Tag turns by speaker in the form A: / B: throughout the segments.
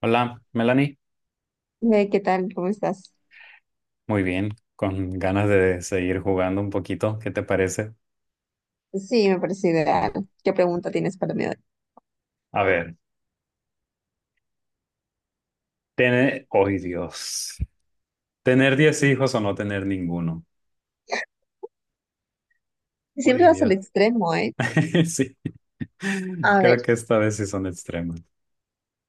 A: Hola, Melanie.
B: Hey, ¿qué tal? ¿Cómo estás?
A: Muy bien, con ganas de seguir jugando un poquito. ¿Qué te parece?
B: Sí, me parece ideal. ¿Qué pregunta tienes para mí hoy?
A: A ver, ¡Ay, Dios! ¿Tener 10 hijos o no tener ninguno?
B: Siempre
A: ¡Ay,
B: vas al
A: Dios!
B: extremo, ¿eh?
A: Sí,
B: A ver,
A: creo que esta vez sí son extremas.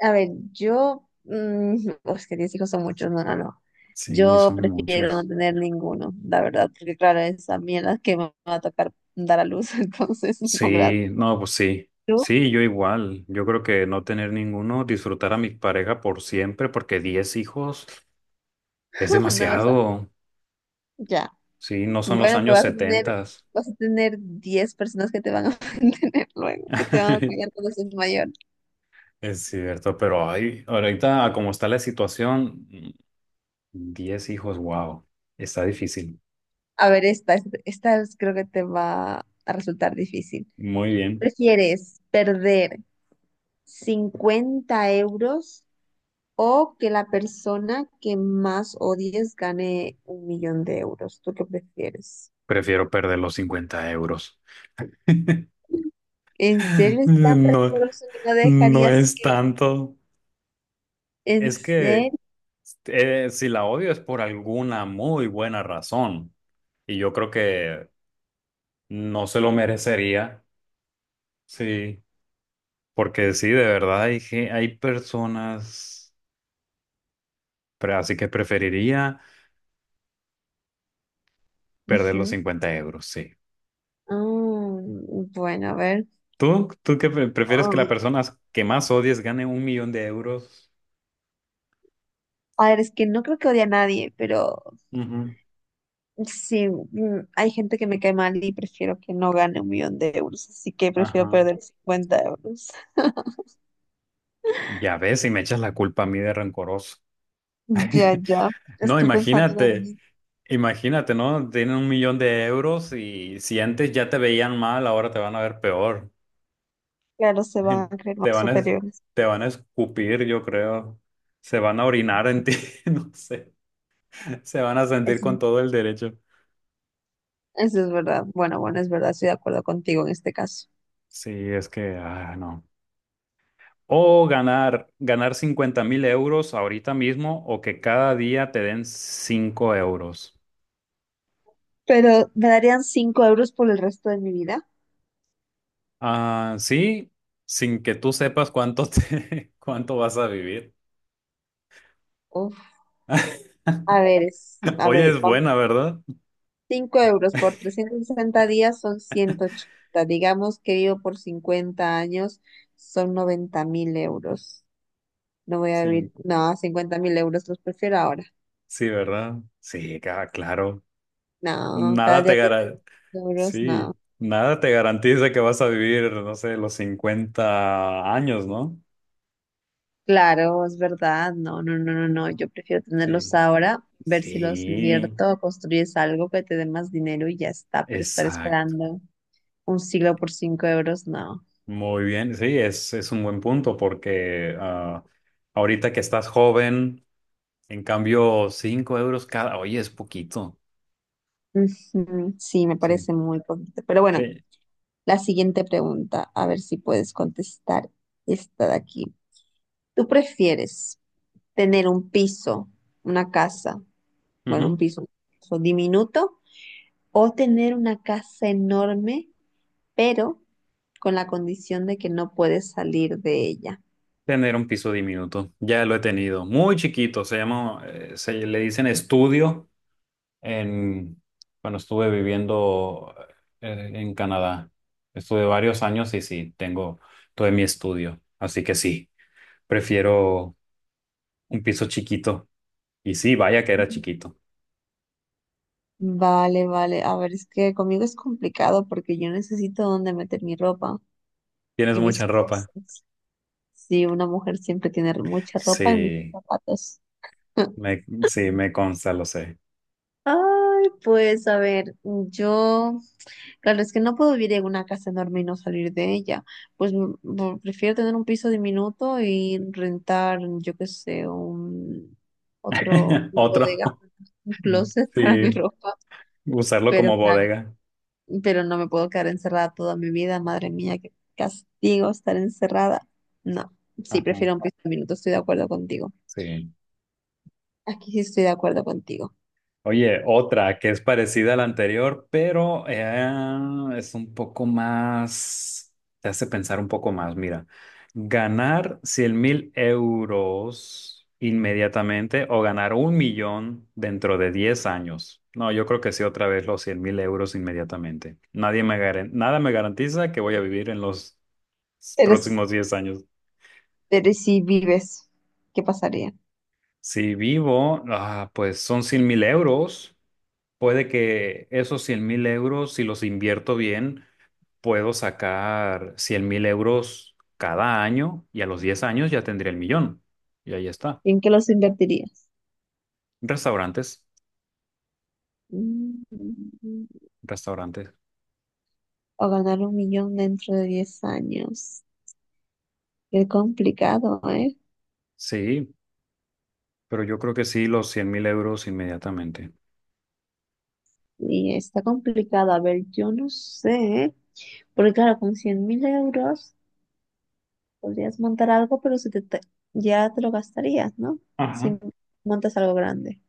B: a ver, oh, es que 10 hijos son muchos, no, no, no.
A: Sí,
B: Yo
A: son
B: prefiero no
A: muchos.
B: tener ninguno, la verdad, porque claro, es a mí la que me va a tocar dar a luz, entonces no, gracias.
A: Sí, no, pues sí.
B: ¿Tú?
A: Sí, yo igual. Yo creo que no tener ninguno, disfrutar a mi pareja por siempre, porque 10 hijos es
B: No vas a...
A: demasiado.
B: Ya.
A: Sí, no son los
B: Bueno,
A: años
B: pero vas a tener,
A: 70.
B: vas a tener 10 personas que te van a mantener luego, que te van a cuidar cuando seas mayor.
A: Es cierto, pero ahí ahorita, como está la situación, 10 hijos, wow, está difícil.
B: A ver, creo que te va a resultar difícil.
A: Muy bien.
B: ¿Prefieres perder 50 € o que la persona que más odies gane 1 millón de euros? ¿Tú qué prefieres?
A: Prefiero perder los 50 euros.
B: ¿En serio es tan
A: No,
B: rencoroso que no
A: no
B: dejarías
A: es
B: que...
A: tanto.
B: ¿En
A: Es que
B: serio?
A: si la odio es por alguna muy buena razón. Y yo creo que no se lo merecería. Sí, porque sí, de verdad hay, hay personas, pero así que preferiría perder los
B: Ujú.
A: 50 euros, sí.
B: Ah, bueno, a ver.
A: ¿Tú qué prefieres que la
B: Ah,
A: persona que más odies gane 1 millón de euros?
B: a ver, es que no creo que odie a nadie, pero
A: Ujú.
B: sí, hay gente que me cae mal y prefiero que no gane 1 millón de euros, así que prefiero
A: Ajá.
B: perder cincuenta euros.
A: Ya ves, y me echas la culpa a mí de rencoroso.
B: Ya, ya,
A: No,
B: estoy pensando lo mismo.
A: imagínate, ¿no? Tienen 1 millón de euros y si antes ya te veían mal, ahora te van a ver peor.
B: Claro, se van a creer
A: Te
B: más
A: van a,
B: superiores.
A: te van a escupir, yo creo. Se van a orinar en ti, no sé. Se van a sentir con
B: Eso,
A: todo el derecho.
B: eso es verdad. Bueno, bueno, es verdad, estoy de acuerdo contigo en este caso.
A: Sí, es que, no. O ganar 50 mil euros ahorita mismo o que cada día te den 5 euros.
B: Pero me darían 5 € por el resto de mi vida.
A: Ah, sí, sin que tú sepas cuánto vas a vivir.
B: Uf, a ver, a
A: Oye,
B: ver,
A: es
B: vamos.
A: buena, ¿verdad?
B: 5 € por 360 días son 180. Digamos que vivo por 50 años, son 90 mil euros. No voy a vivir,
A: Sí,
B: no, 50.000 € los prefiero ahora.
A: sí, ¿verdad? Sí, claro.
B: No, cada
A: Nada te
B: día que
A: gara-
B: tengo euros, no.
A: sí, nada te garantiza que vas a vivir, no sé, los 50 años, ¿no?
B: Claro, es verdad, no, no, no, no, no, yo prefiero tenerlos
A: Sí,
B: ahora, ver si los
A: sí,
B: invierto o construyes algo que te dé más dinero y ya está, pero estar
A: exacto.
B: esperando un siglo por cinco euros, no.
A: Muy bien, sí, es un buen punto porque ahorita que estás joven, en cambio, 5 euros cada, oye, es poquito.
B: Ujú, sí, me
A: Sí,
B: parece muy poquito. Pero bueno,
A: sí.
B: la siguiente pregunta, a ver si puedes contestar esta de aquí. ¿Tú prefieres tener un piso, una casa? Bueno, un
A: Ujú.
B: piso diminuto, o tener una casa enorme, pero con la condición de que no puedes salir de ella.
A: Tener un piso diminuto, ya lo he tenido, muy chiquito, se llama, se le dicen estudio en, cuando estuve viviendo en Canadá. Estuve varios años y sí, tengo todo mi estudio, así que sí, prefiero un piso chiquito. Y sí, vaya que era chiquito.
B: Vale, vale. A ver, es que conmigo es complicado porque yo necesito dónde meter mi ropa
A: Tienes
B: y mis
A: mucha ropa.
B: cosas. Sí, una mujer siempre tiene mucha ropa y muchos
A: Sí,
B: zapatos.
A: sí, me consta, lo sé.
B: Ay, pues a ver, yo... Claro, es que no puedo vivir en una casa enorme y no salir de ella. Pues prefiero tener un piso diminuto y rentar, yo qué sé, un otro, una
A: Otro.
B: bodega, un closet para
A: Sí,
B: mi ropa.
A: usarlo
B: Pero
A: como
B: claro,
A: bodega.
B: pero no me puedo quedar encerrada toda mi vida, madre mía, qué castigo estar encerrada. No, sí,
A: Ajá,
B: prefiero un piso diminuto, estoy de acuerdo contigo.
A: sí.
B: Aquí sí estoy de acuerdo contigo.
A: Oye, otra que es parecida a la anterior, pero es un poco más, te hace pensar un poco más. Mira, ganar 100 mil euros inmediatamente o ganar 1 millón dentro de 10 años. No, yo creo que sí, otra vez los 100 mil euros inmediatamente. Nadie me garan- nada me garantiza que voy a vivir en los
B: Eres,
A: próximos 10 años.
B: eres si vives, ¿qué pasaría?
A: Si vivo, ah, pues son 100 mil euros. Puede que esos 100 mil euros, si los invierto bien, puedo sacar 100 mil euros cada año y a los 10 años ya tendría el millón. Y ahí está.
B: ¿En qué los invertirías?
A: Restaurantes,
B: Mm.
A: restaurantes.
B: O ganar 1 millón dentro de 10 años. Qué complicado, ¿eh?
A: Sí, pero yo creo que sí, los 100 mil euros inmediatamente.
B: Y está complicado. A ver, yo no sé, porque claro, con 100.000 € podrías montar algo, pero se te, ya te lo gastarías, ¿no? Si
A: Ajá.
B: montas algo grande,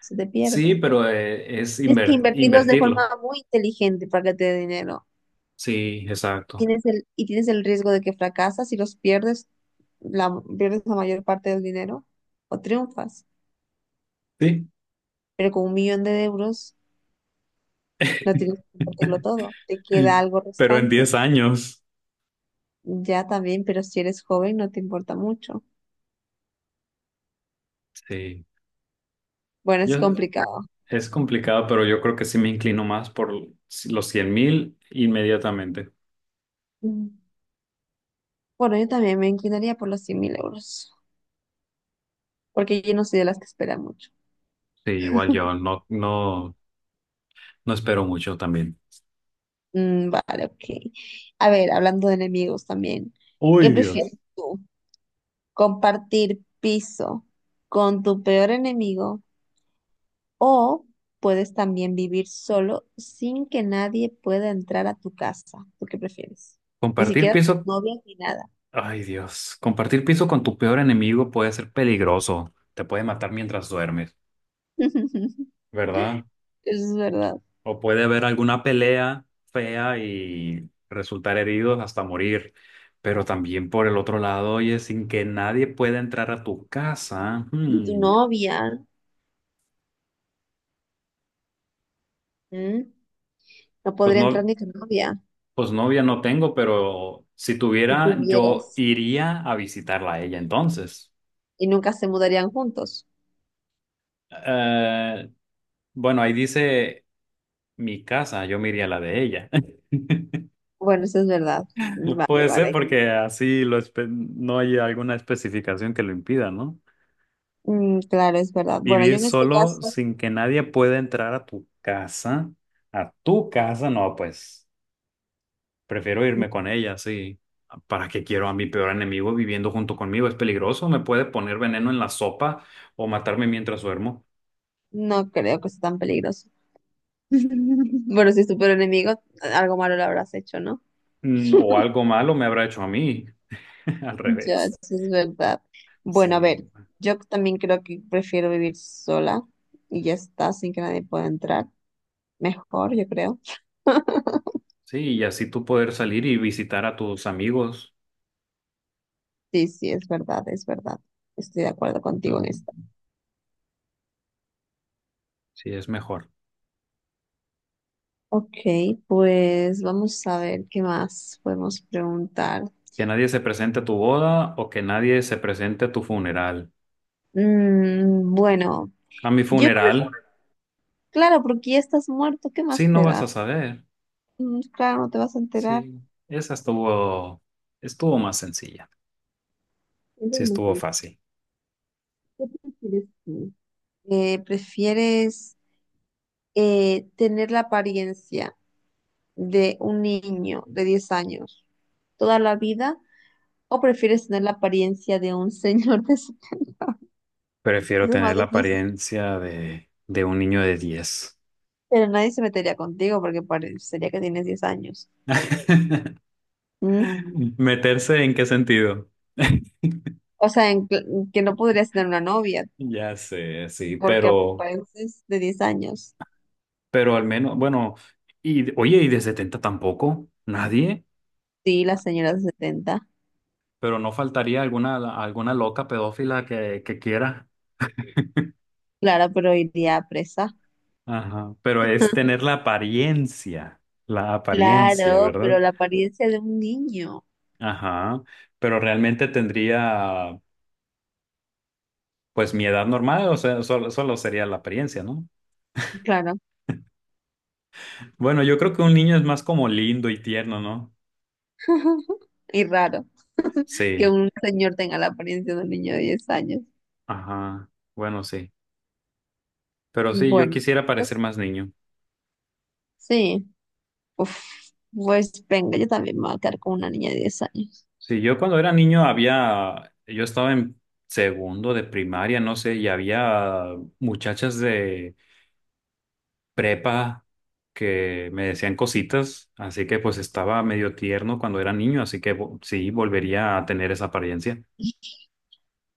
B: se te
A: Sí,
B: pierde.
A: pero
B: Tienes que invertirlos de forma
A: invertirlo.
B: muy inteligente para que te dé dinero.
A: Sí, exacto.
B: Tienes el, y tienes el riesgo de que fracasas y los pierdes, pierdes la mayor parte del dinero o triunfas.
A: Sí.
B: Pero con 1 millón de euros, no tienes que compartirlo todo, te queda algo
A: Pero en
B: restante.
A: 10 años.
B: Ya también, pero si eres joven no te importa mucho.
A: Sí.
B: Bueno,
A: Yo,
B: es complicado.
A: Es complicado, pero yo creo que sí me inclino más por los 100 mil inmediatamente.
B: Mm. Bueno, yo también me inclinaría por los 100 mil euros, porque yo no soy de las que espera mucho.
A: Sí, igual yo no, no espero mucho también.
B: Vale, ok. A ver, hablando de enemigos también, ¿qué
A: Uy,
B: prefieres
A: Dios.
B: tú? ¿Compartir piso con tu peor enemigo o puedes también vivir solo sin que nadie pueda entrar a tu casa? ¿Tú qué prefieres? Ni
A: Compartir
B: siquiera tus
A: piso,
B: novias ni nada.
A: ay Dios, compartir piso con tu peor enemigo puede ser peligroso. Te puede matar mientras duermes,
B: Eso
A: ¿verdad?
B: es verdad.
A: O puede haber alguna pelea fea y resultar heridos hasta morir. Pero también por el otro lado, oye, sin que nadie pueda entrar a tu casa,
B: Y tu
A: hmm,
B: novia, ¿m? No
A: pues
B: podría entrar
A: no.
B: ni tu novia
A: Pues novia no tengo, pero si
B: si
A: tuviera, yo
B: tuvieras
A: iría a visitarla a ella entonces.
B: y nunca se mudarían juntos.
A: Eh, bueno, ahí dice mi casa, yo me iría a la de ella.
B: Bueno, eso es verdad. Vale,
A: Puede ser
B: vale.
A: porque así no hay alguna especificación que lo impida, ¿no?
B: Claro, es verdad. Bueno, yo
A: Vivir
B: en este
A: solo
B: caso
A: sin que nadie pueda entrar a tu casa, no, pues. Prefiero irme con ella, sí. ¿Para qué quiero a mi peor enemigo viviendo junto conmigo? Es peligroso, me puede poner veneno en la sopa o matarme mientras duermo.
B: no creo que sea tan peligroso. Bueno, si es tu peor enemigo, algo malo le habrás hecho, ¿no?
A: Mm, o algo malo me habrá hecho a mí. Al
B: Ya,
A: revés.
B: eso es verdad. Bueno, a
A: Sí.
B: ver, yo también creo que prefiero vivir sola y ya está, sin que nadie pueda entrar. Mejor, yo creo.
A: Sí, y así tú poder salir y visitar a tus amigos.
B: Sí, sí, es verdad, es verdad. Estoy de acuerdo contigo en
A: Ajá.
B: esto.
A: Sí, es mejor.
B: Ok, pues vamos a ver qué más podemos preguntar.
A: Que nadie se presente a tu boda o que nadie se presente a tu funeral.
B: Bueno,
A: A mi
B: yo,
A: funeral,
B: claro, porque ya estás muerto, ¿qué
A: sí,
B: más
A: no
B: te
A: vas
B: da?
A: a saber.
B: Claro, no te vas a enterar.
A: Sí, esa estuvo, estuvo más sencilla.
B: Es lo
A: Sí,
B: más
A: estuvo
B: triste.
A: fácil.
B: ¿Qué prefieres tú? ¿Prefieres tener la apariencia de un niño de 10 años toda la vida o prefieres tener la apariencia de un señor de...
A: Prefiero
B: Eso es
A: tener
B: más
A: la
B: difícil.
A: apariencia de un niño de 10.
B: Pero nadie se metería contigo porque parecería que tienes 10 años. Mm,
A: ¿Meterse en qué sentido?
B: O sea, que no podrías tener una novia
A: Ya sé,
B: porque apareces de 10 años.
A: pero al menos, bueno, y oye, y de 70 tampoco, nadie,
B: Sí, la señora de 70.
A: pero no faltaría alguna loca pedófila que quiera.
B: Claro, pero iría a presa.
A: Ajá, pero es tener la la apariencia,
B: Claro,
A: ¿verdad?
B: pero la apariencia de un niño.
A: Ajá, pero realmente tendría, pues, mi edad normal, o sea, solo sería la apariencia, ¿no?
B: Claro.
A: Bueno, yo creo que un niño es más como lindo y tierno, ¿no?
B: Y raro que
A: Sí,
B: un señor tenga la apariencia de un niño de 10 años.
A: ajá, bueno, sí. Pero sí, yo
B: Bueno,
A: quisiera parecer
B: pues,
A: más niño.
B: sí. Uf, pues venga, yo también me voy a quedar con una niña de 10 años.
A: Sí, yo cuando era niño había, yo estaba en segundo de primaria, no sé, y había muchachas de prepa que me decían cositas, así que pues estaba medio tierno cuando era niño, así que sí, volvería a tener esa apariencia.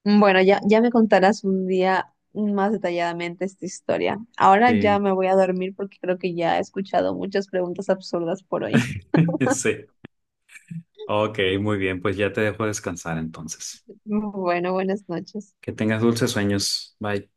B: Bueno, ya, ya me contarás un día más detalladamente esta historia. Ahora ya
A: Sí,
B: me voy a dormir porque creo que ya he escuchado muchas preguntas absurdas por hoy.
A: sí. Ok, muy bien, pues ya te dejo descansar entonces.
B: Bueno, buenas noches.
A: Que tengas dulces sueños. Bye.